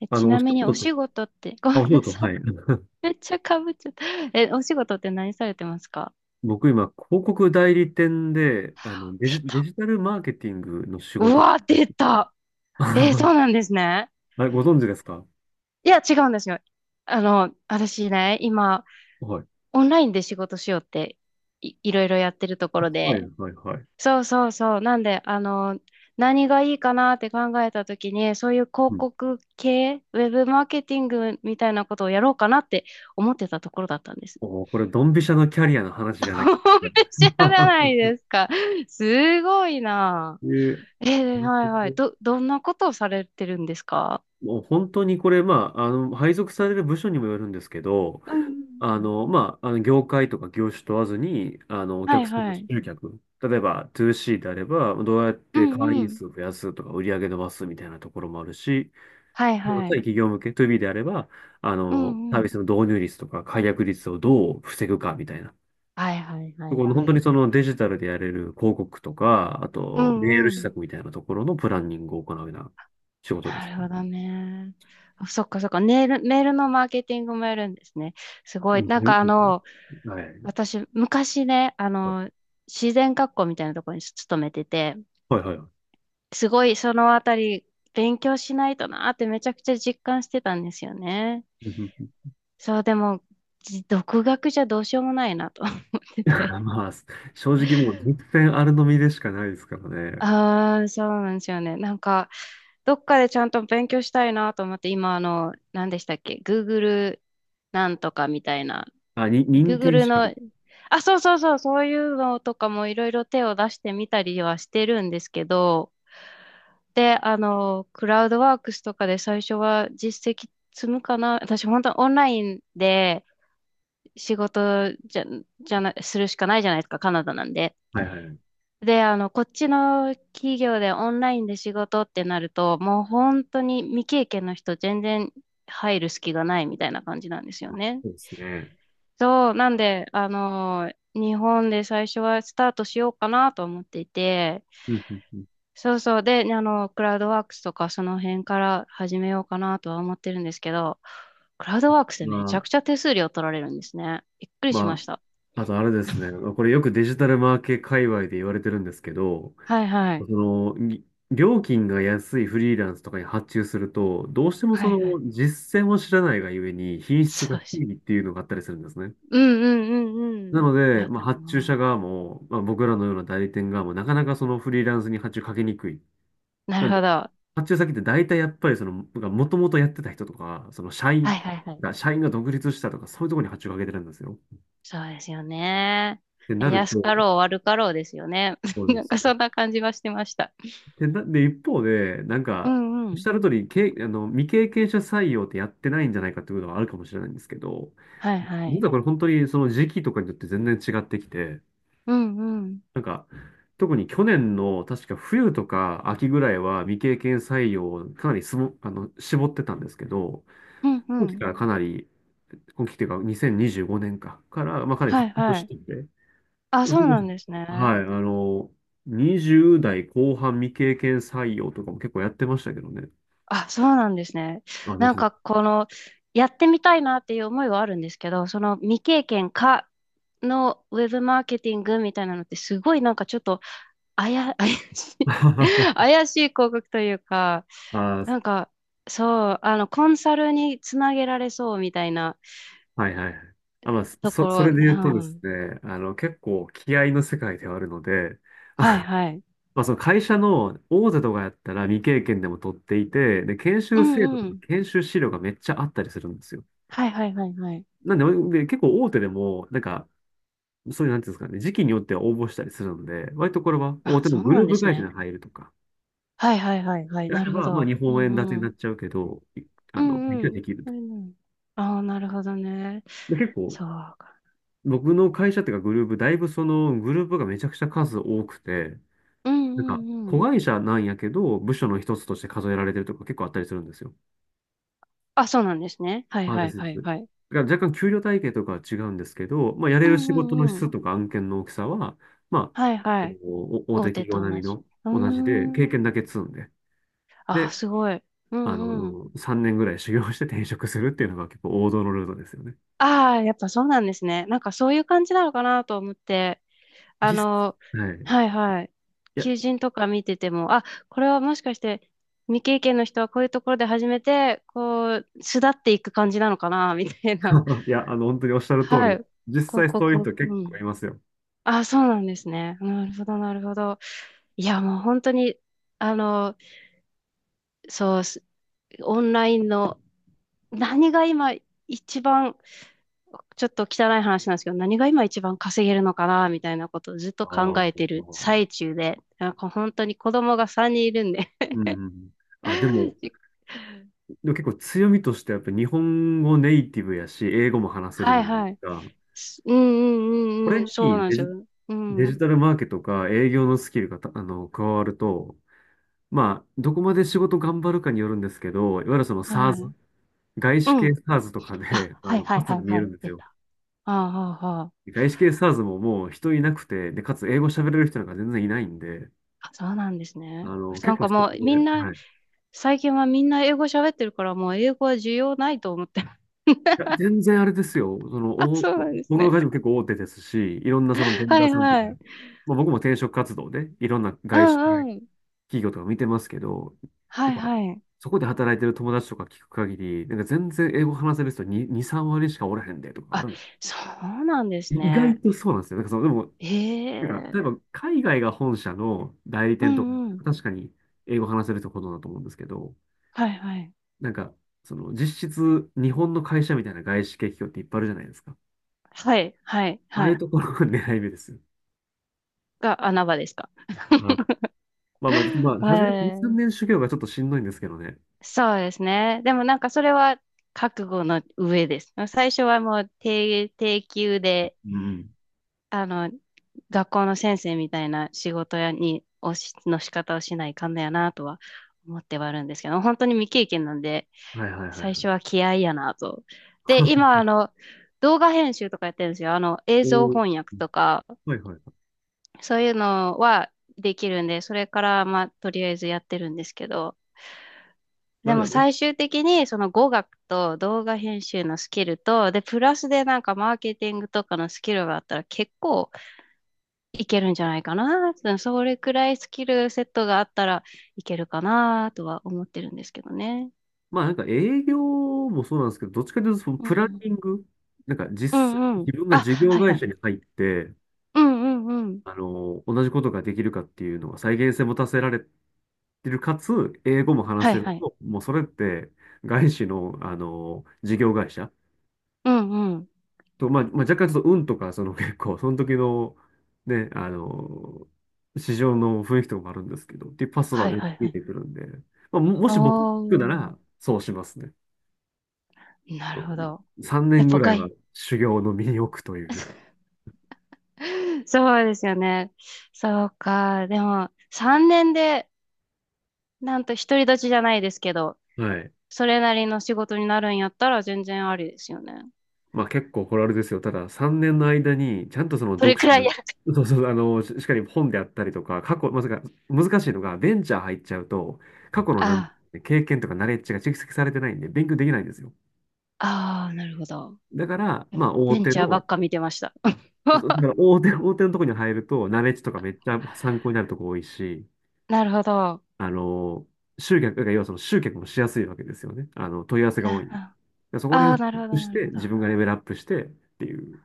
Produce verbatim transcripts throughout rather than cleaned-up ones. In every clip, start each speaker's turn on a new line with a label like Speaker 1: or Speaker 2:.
Speaker 1: え、
Speaker 2: あ
Speaker 1: ち
Speaker 2: の、お
Speaker 1: な
Speaker 2: 仕
Speaker 1: みに
Speaker 2: 事
Speaker 1: お
Speaker 2: と、
Speaker 1: 仕事って、ご
Speaker 2: あ、お
Speaker 1: めん
Speaker 2: 仕
Speaker 1: な
Speaker 2: 事、
Speaker 1: さい。
Speaker 2: はい。
Speaker 1: めっちゃかぶっちゃった。え、お仕事って何されてますか？
Speaker 2: 僕今、広告代理店で、あの、デ
Speaker 1: 出
Speaker 2: ジ、デ
Speaker 1: た。
Speaker 2: ジタルマーケティングの仕
Speaker 1: う
Speaker 2: 事。
Speaker 1: わ、出た。えーそうな んですね。
Speaker 2: あれ、ご存知ですか？
Speaker 1: いや、違うんですよ。あの、私ね、今、
Speaker 2: はい。
Speaker 1: オンラインで仕事しようってい、いろいろやってるところ
Speaker 2: はい、
Speaker 1: で。
Speaker 2: はい、はい。
Speaker 1: そうそうそう。なんで、あの、何がいいかなって考えたときに、そういう
Speaker 2: う
Speaker 1: 広
Speaker 2: ん。
Speaker 1: 告系、ウェブマーケティングみたいなことをやろうかなって思ってたところだったんです。
Speaker 2: おー、これ、ドンピシャのキャリアの話じゃない。
Speaker 1: ほんぺちゃじゃない ですか。すごいな。
Speaker 2: えー、
Speaker 1: えー、はいはい。ど、どんなことをされてるんですか？
Speaker 2: もう本当にこれ、まあ、あの、配属される部署にもよるんですけど、
Speaker 1: うんうん。う
Speaker 2: あ
Speaker 1: ん。
Speaker 2: の、まあ、あの業界とか業種問わずに、あの、お
Speaker 1: はい
Speaker 2: 客さんの
Speaker 1: はい。
Speaker 2: 集客、例えば ツーシー であれば、どうやっ
Speaker 1: う
Speaker 2: て会
Speaker 1: んう
Speaker 2: 員
Speaker 1: ん。
Speaker 2: 数を増やすとか、売り上げ伸ばすみたいなところもあるし、
Speaker 1: はい
Speaker 2: もう
Speaker 1: は
Speaker 2: 対
Speaker 1: い。
Speaker 2: 企業向け ツービー であれば、あ
Speaker 1: う
Speaker 2: の、
Speaker 1: ん
Speaker 2: サ
Speaker 1: う
Speaker 2: ービ
Speaker 1: ん。
Speaker 2: スの導入率とか、解約率をどう防ぐかみたいな。
Speaker 1: はいはいは
Speaker 2: こ
Speaker 1: い
Speaker 2: の
Speaker 1: は
Speaker 2: 本当に
Speaker 1: い。
Speaker 2: そのデジタルでやれる広告とか、あ
Speaker 1: う
Speaker 2: とメー
Speaker 1: ん
Speaker 2: ル
Speaker 1: う
Speaker 2: 施
Speaker 1: ん。
Speaker 2: 策みたいなところのプランニングを行うような仕事で
Speaker 1: な
Speaker 2: す
Speaker 1: る
Speaker 2: ね。
Speaker 1: ほどね。あ、そっかそっか。メール、メールのマーケティングもやるんですね。すご
Speaker 2: う
Speaker 1: い。
Speaker 2: ん
Speaker 1: なん
Speaker 2: う
Speaker 1: かあの、
Speaker 2: ん。はい
Speaker 1: 私、昔ね、あ
Speaker 2: はい。
Speaker 1: の、自然学校みたいなところに勤めてて、
Speaker 2: はいはいはい。
Speaker 1: すごいそのあたり勉強しないとなーってめちゃくちゃ実感してたんですよね。
Speaker 2: うんうん。
Speaker 1: そう、でも、じ独学じゃどうしようもないなと 思っ てて。
Speaker 2: まあ、正直もう実践あるのみでしかないですからね。
Speaker 1: ああ、そうなんですよね。なんか、どっかでちゃんと勉強したいなと思って、今、あの、何でしたっけ？ Google なんとかみたいな。
Speaker 2: あ、に、認定
Speaker 1: Google
Speaker 2: 資
Speaker 1: の、
Speaker 2: 格。
Speaker 1: あ、そうそうそう、そういうのとかもいろいろ手を出してみたりはしてるんですけど、で、あの、クラウドワークスとかで最初は実績積むかな。私、本当オンラインで仕事じゃ、じゃな、するしかないじゃないですか、カナダなんで。
Speaker 2: はいはい。
Speaker 1: で、あの、こっちの企業でオンラインで仕事ってなると、もう本当に未経験の人全然入る隙がないみたいな感じなんですよね。
Speaker 2: そうですね。
Speaker 1: そう、なんで、あの、日本で最初はスタートしようかなと思っていて、
Speaker 2: うんうんうん。
Speaker 1: そうそう。で、あの、クラウドワークスとかその辺から始めようかなとは思ってるんですけど、クラウドワークスで
Speaker 2: ま
Speaker 1: めち
Speaker 2: あ、
Speaker 1: ゃくちゃ手数料取られるんですね。びっくりしま
Speaker 2: ま
Speaker 1: した。
Speaker 2: あ、あとあれですね。これよくデジタルマーケ界隈で言われてるんですけど、
Speaker 1: はいは
Speaker 2: そ
Speaker 1: い。
Speaker 2: の、ぎ料金が安いフリーランスとかに発注すると、どうしても
Speaker 1: は
Speaker 2: そ
Speaker 1: い
Speaker 2: の
Speaker 1: はい。
Speaker 2: 実践を知らないがゆえに品質が
Speaker 1: そうです。
Speaker 2: 低いっていうのがあったりするんですね。
Speaker 1: うんうんうんう
Speaker 2: な
Speaker 1: ん。
Speaker 2: ので、
Speaker 1: だ
Speaker 2: まあ、
Speaker 1: と
Speaker 2: 発注
Speaker 1: 思う。
Speaker 2: 者側も、まあ、僕らのような代理店側も、なかなかそのフリーランスに発注かけにくい。
Speaker 1: なるほど。は
Speaker 2: 発注先って大体やっぱりその、もともとやってた人とか、その社
Speaker 1: いは
Speaker 2: 員
Speaker 1: いはい。
Speaker 2: が、社員が独立したとか、そういうところに発注をかけてるんですよ。っ
Speaker 1: そうですよね。
Speaker 2: てなる
Speaker 1: 安
Speaker 2: と、
Speaker 1: かろう悪かろうですよね。
Speaker 2: そう なんで
Speaker 1: なん
Speaker 2: す
Speaker 1: か
Speaker 2: よ
Speaker 1: そ
Speaker 2: ね。
Speaker 1: んな感じはしてました。
Speaker 2: で、な、で、一方で、なん
Speaker 1: う
Speaker 2: か、
Speaker 1: んう
Speaker 2: おっし
Speaker 1: ん。
Speaker 2: ゃる通り、け、あの、未経験者採用ってやってないんじゃないかっていうのはあるかもしれないんですけど、
Speaker 1: はいは
Speaker 2: 実
Speaker 1: い。
Speaker 2: はこれ本当にその時期とかによって全然違ってきて、
Speaker 1: うんうん。
Speaker 2: なんか、特に去年の確か冬とか秋ぐらいは未経験採用をかなりすぼ、あの、絞ってたんですけど、
Speaker 1: うんう
Speaker 2: 今期
Speaker 1: ん。
Speaker 2: からかなり今期っていうか、にせんにじゅうごねんか、から、まあ、かなり
Speaker 1: はい
Speaker 2: 復活
Speaker 1: は
Speaker 2: し
Speaker 1: い。
Speaker 2: てて、
Speaker 1: あ、
Speaker 2: そう
Speaker 1: そう
Speaker 2: で
Speaker 1: な
Speaker 2: す
Speaker 1: ん
Speaker 2: ね。
Speaker 1: です
Speaker 2: は
Speaker 1: ね。
Speaker 2: い、あの、にじゅう代後半未経験採用とかも結構やってましたけどね。
Speaker 1: あ、そうなんですね。
Speaker 2: あ、で
Speaker 1: なん
Speaker 2: すね。
Speaker 1: かこのやってみたいなっていう思いはあるんですけど、その未経験かのウェブマーケティングみたいなのってすごいなんかちょっとあや、怪し い
Speaker 2: あ、
Speaker 1: 怪しい広告というか、
Speaker 2: はい
Speaker 1: なんかそう、あのコンサルにつなげられそうみたいな
Speaker 2: はいはい。あ、まあ、
Speaker 1: と
Speaker 2: そ、
Speaker 1: こ
Speaker 2: そ
Speaker 1: ろ、う
Speaker 2: れで言うとです
Speaker 1: ん、
Speaker 2: ね、あの、結構気合の世界ではあるので、
Speaker 1: はいはい。
Speaker 2: まあ、その会社の大手とかやったら未経験でも取っていて、で、研
Speaker 1: う
Speaker 2: 修制
Speaker 1: ん
Speaker 2: 度
Speaker 1: う
Speaker 2: とか
Speaker 1: ん。
Speaker 2: 研修資料がめっちゃあったりするんですよ。
Speaker 1: はいはいはいはい。
Speaker 2: なんで、で結構大手でも、なんかそういう、なんていうんですかね、時期によっては応募したりするので、割とこれは大
Speaker 1: あ、
Speaker 2: 手の
Speaker 1: そう
Speaker 2: グ
Speaker 1: な
Speaker 2: ル
Speaker 1: ん
Speaker 2: ー
Speaker 1: で
Speaker 2: プ
Speaker 1: す
Speaker 2: 会社
Speaker 1: ね。
Speaker 2: に入るとか、
Speaker 1: はいはいはいはい。
Speaker 2: であ
Speaker 1: な
Speaker 2: れ
Speaker 1: るほ
Speaker 2: ば、まあ、
Speaker 1: ど。
Speaker 2: 日
Speaker 1: う
Speaker 2: 本円建てになっ
Speaker 1: ん
Speaker 2: ちゃうけど、い
Speaker 1: う
Speaker 2: あの、勉
Speaker 1: んう
Speaker 2: 強
Speaker 1: ん。
Speaker 2: できる
Speaker 1: う
Speaker 2: と。
Speaker 1: んうん。ああ、なるほどね。
Speaker 2: で、結構、
Speaker 1: そうか。
Speaker 2: 僕の会社っていうかグループ、だいぶそのグループがめちゃくちゃ数多くて、
Speaker 1: うん
Speaker 2: なんか、
Speaker 1: うんう
Speaker 2: 子
Speaker 1: ん。
Speaker 2: 会社なんやけど、部署の一つとして数えられてるとか結構あったりするんですよ。
Speaker 1: あ、そうなんですね。はい
Speaker 2: あ、
Speaker 1: は
Speaker 2: で
Speaker 1: い
Speaker 2: すで
Speaker 1: は
Speaker 2: す。
Speaker 1: い
Speaker 2: だか
Speaker 1: はい。
Speaker 2: ら若干給料体系とかは違うんですけど、まあ、やれ
Speaker 1: う
Speaker 2: る
Speaker 1: ん
Speaker 2: 仕
Speaker 1: う
Speaker 2: 事の
Speaker 1: んうん。
Speaker 2: 質とか案件の大きさは、ま
Speaker 1: はい
Speaker 2: あ、
Speaker 1: はい。
Speaker 2: お大手
Speaker 1: 大手
Speaker 2: 企業
Speaker 1: と
Speaker 2: 並
Speaker 1: 同
Speaker 2: み
Speaker 1: じ。
Speaker 2: の
Speaker 1: うー
Speaker 2: 同じで、経験だ
Speaker 1: ん。
Speaker 2: け積んで、
Speaker 1: あ、
Speaker 2: で、
Speaker 1: すごい。う
Speaker 2: あ
Speaker 1: んうん。
Speaker 2: の、さんねんぐらい修行して転職するっていうのが結構王道のルートですよね。
Speaker 1: ああ、やっぱそうなんですね。なんかそういう感じなのかなと思って。あ
Speaker 2: 実、
Speaker 1: の、
Speaker 2: はい。い
Speaker 1: はいはい。
Speaker 2: や、
Speaker 1: 求人とか見てても、あ、これはもしかして未経験の人はこういうところで始めて、こう、巣立っていく感じなのかな、みたいな。
Speaker 2: いや、あの、本当におっしゃる通
Speaker 1: はい。
Speaker 2: りで、実
Speaker 1: 広
Speaker 2: 際そういう
Speaker 1: 告、
Speaker 2: 人
Speaker 1: う
Speaker 2: 結構い
Speaker 1: ん。
Speaker 2: ますよ。
Speaker 1: あ、そうなんですね。なるほど、なるほど。いや、もう本当に、あの、そうす、オンラインの、何が今一番、ちょっと汚い話なんですけど、何が今一番稼げるのかな、みたいなことをずっと
Speaker 2: あ
Speaker 1: 考
Speaker 2: ー、
Speaker 1: えてる最中で、なんか本当に子供がさんにんいるんで
Speaker 2: うん。あ、でも、でも結構強みとしてやっぱ日本語ネイティブやし、英語も話せる
Speaker 1: は
Speaker 2: じゃ
Speaker 1: い
Speaker 2: ないで
Speaker 1: は
Speaker 2: す
Speaker 1: い。
Speaker 2: か。
Speaker 1: すうん
Speaker 2: こ
Speaker 1: うんうん
Speaker 2: れ
Speaker 1: うん、
Speaker 2: に
Speaker 1: そうなんで
Speaker 2: デ
Speaker 1: す
Speaker 2: ジ、
Speaker 1: よ。う
Speaker 2: デジ
Speaker 1: ん。
Speaker 2: タルマーケとか営業のスキルがたあの、加わると、まあ、どこまで仕事頑張るかによるんですけど、いわゆるその
Speaker 1: は
Speaker 2: SaaS、
Speaker 1: い。
Speaker 2: 外
Speaker 1: う
Speaker 2: 資系
Speaker 1: ん。
Speaker 2: SaaS とか
Speaker 1: あ、
Speaker 2: で、あ
Speaker 1: はい
Speaker 2: の、
Speaker 1: は
Speaker 2: パ
Speaker 1: い
Speaker 2: ス
Speaker 1: は
Speaker 2: が
Speaker 1: い
Speaker 2: 見え
Speaker 1: は
Speaker 2: るん
Speaker 1: い。
Speaker 2: です
Speaker 1: 出
Speaker 2: よ。
Speaker 1: た。ああ、ああ、
Speaker 2: 外資系 s a ズ s ももう人いなくて、で、かつ英語喋れる人なんか全然いないんで、
Speaker 1: あ、そうなんです
Speaker 2: あ
Speaker 1: ね。
Speaker 2: の、
Speaker 1: な
Speaker 2: 結
Speaker 1: ん
Speaker 2: 構
Speaker 1: か
Speaker 2: ストッ
Speaker 1: もう
Speaker 2: クで、
Speaker 1: みんな、
Speaker 2: はい。い
Speaker 1: 最近はみんな英語喋ってるから、もう英語は需要ないと思って。
Speaker 2: や、全然あれですよ。その、
Speaker 1: あ、
Speaker 2: お、
Speaker 1: そうな
Speaker 2: 僕
Speaker 1: んです
Speaker 2: の
Speaker 1: ね。
Speaker 2: 会社も結構大手ですし、いろんなそのベン
Speaker 1: は
Speaker 2: ダー
Speaker 1: い
Speaker 2: さんとか、
Speaker 1: はい。
Speaker 2: まあ、僕も転職活動でいろんな
Speaker 1: う
Speaker 2: 外資系
Speaker 1: んうん。
Speaker 2: 企業とか見てますけど、
Speaker 1: は
Speaker 2: やっ
Speaker 1: い
Speaker 2: ぱ、
Speaker 1: はい。
Speaker 2: そこで働いてる友達とか聞く限り、なんか全然英語話せる人にに、さん割しかおらへんでとかあ
Speaker 1: あ、
Speaker 2: る。
Speaker 1: そうなんで
Speaker 2: い
Speaker 1: す
Speaker 2: 意外
Speaker 1: ね。
Speaker 2: とそうなんですよ。なんかその、でも、
Speaker 1: へ
Speaker 2: なんか、例え
Speaker 1: え。
Speaker 2: ば海外が本社の代理
Speaker 1: う
Speaker 2: 店とか、
Speaker 1: んうん。
Speaker 2: 確かに英語話せるところだと思うんですけど、
Speaker 1: はいはい。
Speaker 2: なんか、その実質日本の会社みたいな外資系企業っていっぱいあるじゃないですか。
Speaker 1: はいはい
Speaker 2: ああ
Speaker 1: は
Speaker 2: いう
Speaker 1: い。
Speaker 2: ところが狙い目ですよ。
Speaker 1: が穴場ですか？
Speaker 2: はい。まあまあ、ま あ、初めの
Speaker 1: は
Speaker 2: に、3
Speaker 1: い。
Speaker 2: 年修行がちょっとしんどいんですけどね。
Speaker 1: そうですね。でもなんかそれは覚悟の上です。最初はもう低、低級で、
Speaker 2: うん。
Speaker 1: あの、学校の先生みたいな仕事やに、をし、の仕方をしないかんだよなとは思ってはあるんですけど、本当に未経験なんで、
Speaker 2: はいはいはいは
Speaker 1: 最初は
Speaker 2: い。
Speaker 1: 気合いやなと。で、今、あの、動画編集とかやってるんですよ。あの、映
Speaker 2: お
Speaker 1: 像
Speaker 2: ー、
Speaker 1: 翻訳とか、
Speaker 2: はいはい。
Speaker 1: そういうのはできるんで、それから、まあ、とりあえずやってるんですけど、
Speaker 2: な
Speaker 1: で
Speaker 2: んか
Speaker 1: も
Speaker 2: ね、
Speaker 1: 最終的にその語学と動画編集のスキルと、で、プラスでなんかマーケティングとかのスキルがあったら結構いけるんじゃないかな。それくらいスキルセットがあったらいけるかなとは思ってるんですけどね。
Speaker 2: まあなんか営業もそうなんですけど、どっちかというとその
Speaker 1: う
Speaker 2: プランニン
Speaker 1: ん。
Speaker 2: グ、なんか
Speaker 1: う
Speaker 2: 実際
Speaker 1: んうん。
Speaker 2: 自分が
Speaker 1: あ、
Speaker 2: 事業
Speaker 1: はいは
Speaker 2: 会社
Speaker 1: い。
Speaker 2: に入って、
Speaker 1: うんうんうん。
Speaker 2: あの、同じことができるかっていうのは再現性持たせられてる、かつ、英語も話
Speaker 1: は
Speaker 2: せ
Speaker 1: い
Speaker 2: る
Speaker 1: はい。
Speaker 2: と、もうそれって、外資の、あの、事業会社
Speaker 1: うんうん。
Speaker 2: と、まあ、まあ、若干ちょっと運とか、その結構、その時の、ね、あの、市場の雰囲気とかもあるんですけど、っていうパス
Speaker 1: は
Speaker 2: は
Speaker 1: い
Speaker 2: ね
Speaker 1: はい
Speaker 2: 聞
Speaker 1: は
Speaker 2: い
Speaker 1: い。
Speaker 2: てくるんで、まあ、ももし僕聞
Speaker 1: お
Speaker 2: くなら、
Speaker 1: ー。
Speaker 2: そうしますね。
Speaker 1: なるほど。
Speaker 2: 3
Speaker 1: やっ
Speaker 2: 年ぐ
Speaker 1: ぱ
Speaker 2: らいは
Speaker 1: 外、
Speaker 2: 修行の身に置くという。
Speaker 1: そうですよね。そうか。でも、さんねんで、なんと独り立ちじゃないですけど、
Speaker 2: はい。
Speaker 1: それなりの仕事になるんやったら全然ありですよね。
Speaker 2: まあ結構これあれですよ。たださんねんの間に、ちゃんとその
Speaker 1: それ
Speaker 2: 読書
Speaker 1: くらい
Speaker 2: の、
Speaker 1: や。
Speaker 2: そうそう、あの、ししっかり本であったりとか、過去、まさか、難しいのが、ベンチャー入っちゃうと、過去のなん
Speaker 1: あ
Speaker 2: 経験とかナレッジが蓄積されてないんで、勉強できないんですよ。
Speaker 1: あ、ああ、なるほど。
Speaker 2: だから、まあ大
Speaker 1: ベン
Speaker 2: 手
Speaker 1: チャーば
Speaker 2: の、
Speaker 1: っか見てました。
Speaker 2: そうだから 大手、大手のとこに入ると、ナレッジとかめっちゃ参考になるとこ多いし、
Speaker 1: なるほど。
Speaker 2: あの、集客、だから要はその集客もしやすいわけですよね。あの、問い合わせが多い
Speaker 1: な、
Speaker 2: んで。だからそこら
Speaker 1: ああー、
Speaker 2: 辺をチ
Speaker 1: な
Speaker 2: ェ
Speaker 1: る
Speaker 2: ッ
Speaker 1: ほ
Speaker 2: ク
Speaker 1: ど、
Speaker 2: し
Speaker 1: なるほ
Speaker 2: て、
Speaker 1: ど。
Speaker 2: 自
Speaker 1: あ
Speaker 2: 分がレベルアップしてっていう。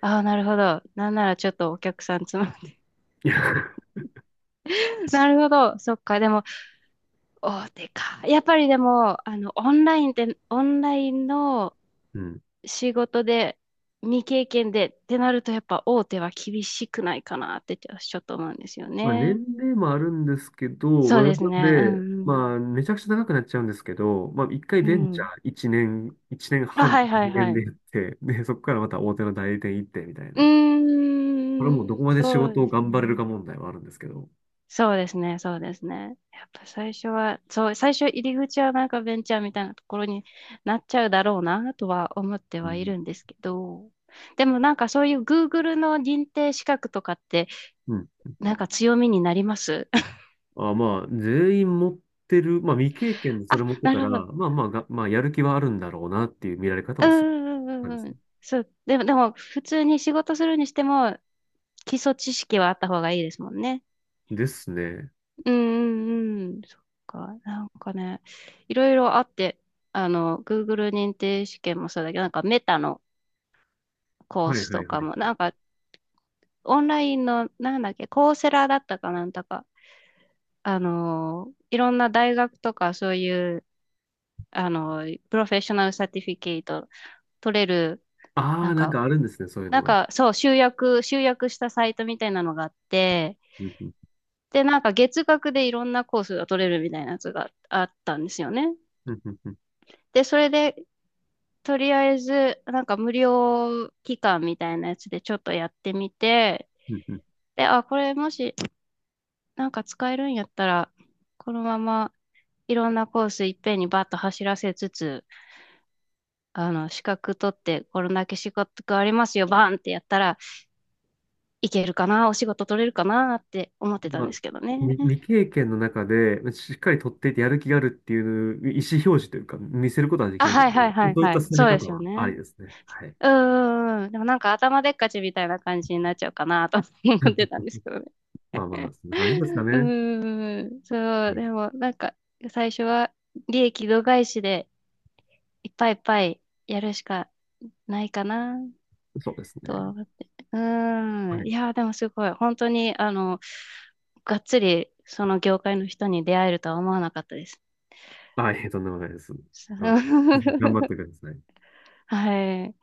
Speaker 1: あ、なるほど。なんならちょっとお客さんつま、
Speaker 2: いや、
Speaker 1: なるほど。そっか。でも、大手か。やっぱりでも、あの、オンラインで、オンラインの
Speaker 2: うん。
Speaker 1: 仕事で、未経験でってなると、やっぱ大手は厳しくないかなってちょちょっと思うんですよ
Speaker 2: まあ、年
Speaker 1: ね。
Speaker 2: 齢もあるんですけど、ま
Speaker 1: そう
Speaker 2: あ、な
Speaker 1: で
Speaker 2: ん
Speaker 1: すね。う
Speaker 2: で、
Speaker 1: ん、
Speaker 2: まあ、めちゃくちゃ長くなっちゃうんですけど、まあ、一回
Speaker 1: う
Speaker 2: ベン
Speaker 1: ん。う
Speaker 2: チャ
Speaker 1: ん。
Speaker 2: ーいちねん、一年
Speaker 1: あ、
Speaker 2: 半、
Speaker 1: はいはい
Speaker 2: 2
Speaker 1: は
Speaker 2: 年で
Speaker 1: い。
Speaker 2: やって、で、そこからまた大手の代理店行ってみたい
Speaker 1: う
Speaker 2: な。これは
Speaker 1: ーん、
Speaker 2: もうどこまで仕
Speaker 1: そう
Speaker 2: 事
Speaker 1: で
Speaker 2: を
Speaker 1: す
Speaker 2: 頑張れる
Speaker 1: ね。
Speaker 2: か問題はあるんですけど。
Speaker 1: そうですね、そうですね。やっぱ最初は、そう、最初入り口はなんかベンチャーみたいなところになっちゃうだろうなとは思って
Speaker 2: う
Speaker 1: はい
Speaker 2: ん。
Speaker 1: るんですけど、でもなんかそういう Google の認定資格とかって
Speaker 2: うん。
Speaker 1: なんか強みになります？
Speaker 2: あ、まあ、全員持ってる、まあ、未経験で
Speaker 1: あ、
Speaker 2: それ持って
Speaker 1: な
Speaker 2: た
Speaker 1: る
Speaker 2: ら、
Speaker 1: ほど。
Speaker 2: まあまあが、まあ、やる気はあるんだろうなっていう見られ方
Speaker 1: う
Speaker 2: をする
Speaker 1: んうんう
Speaker 2: 感じで
Speaker 1: んう
Speaker 2: すね。
Speaker 1: ん。そう。でも、でも普通に仕事するにしても基礎知識はあった方がいいですもんね。
Speaker 2: ですね。
Speaker 1: うんうんうん、そっか、なんかね、いろいろあって、あの、Google 認定試験もそうだけど、なんかメタのコー
Speaker 2: はい
Speaker 1: ス
Speaker 2: は
Speaker 1: と
Speaker 2: いは
Speaker 1: か
Speaker 2: い
Speaker 1: も、
Speaker 2: は
Speaker 1: なん
Speaker 2: い。
Speaker 1: かオンラインの、なんだっけ、コーセラだったかなんだか、あの、いろんな大学とかそういう、あの、プロフェッショナルサティフィケート取れる、
Speaker 2: あ
Speaker 1: なん
Speaker 2: あ、なん
Speaker 1: か、
Speaker 2: かあるんですね、そういう
Speaker 1: な
Speaker 2: の
Speaker 1: ん
Speaker 2: が。
Speaker 1: かそう、集約、集約したサイトみたいなのがあって、
Speaker 2: うんうん
Speaker 1: で、なんか月額でいろんなコースが取れるみたいなやつがあったんですよね。
Speaker 2: うんうん。うん
Speaker 1: で、それで、とりあえず、なんか無料期間みたいなやつでちょっとやってみて、
Speaker 2: うん。
Speaker 1: で、あ、これもしなんか使えるんやったら、このままいろんなコースいっぺんにバッと走らせつつ、あの、資格取ってこれだけ資格がありますよ、バーンってやったらいけるかな、お仕事取れるかなって思ってた
Speaker 2: ま
Speaker 1: ん
Speaker 2: あ、
Speaker 1: ですけどね。
Speaker 2: み未経験の中で、しっかり取っていてやる気があるっていう意思表示というか、見せることができ
Speaker 1: あ、
Speaker 2: るの
Speaker 1: は
Speaker 2: で、
Speaker 1: いはいはい
Speaker 2: そういっ
Speaker 1: は
Speaker 2: た
Speaker 1: い。
Speaker 2: 進め
Speaker 1: そうで
Speaker 2: 方
Speaker 1: すよ
Speaker 2: はあり
Speaker 1: ね。
Speaker 2: ですね。はい。
Speaker 1: うーん。でもなんか頭でっかちみたいな感じになっちゃうかなと思ってた んですけど
Speaker 2: まあまあ、そんな感じですか
Speaker 1: う
Speaker 2: ね。
Speaker 1: ーん、そ
Speaker 2: は
Speaker 1: う、
Speaker 2: い。
Speaker 1: でもなんか最初は利益度外視でいっぱいいっぱいやるしかないかな
Speaker 2: そうです
Speaker 1: とは
Speaker 2: ね。
Speaker 1: 思って。うー
Speaker 2: は
Speaker 1: ん、い
Speaker 2: い。
Speaker 1: やー、でもすごい、本当にあの、がっつりその業界の人に出会えるとは思わなかったです。
Speaker 2: はい、とんでもないです。あの、頑張って ください。
Speaker 1: はい。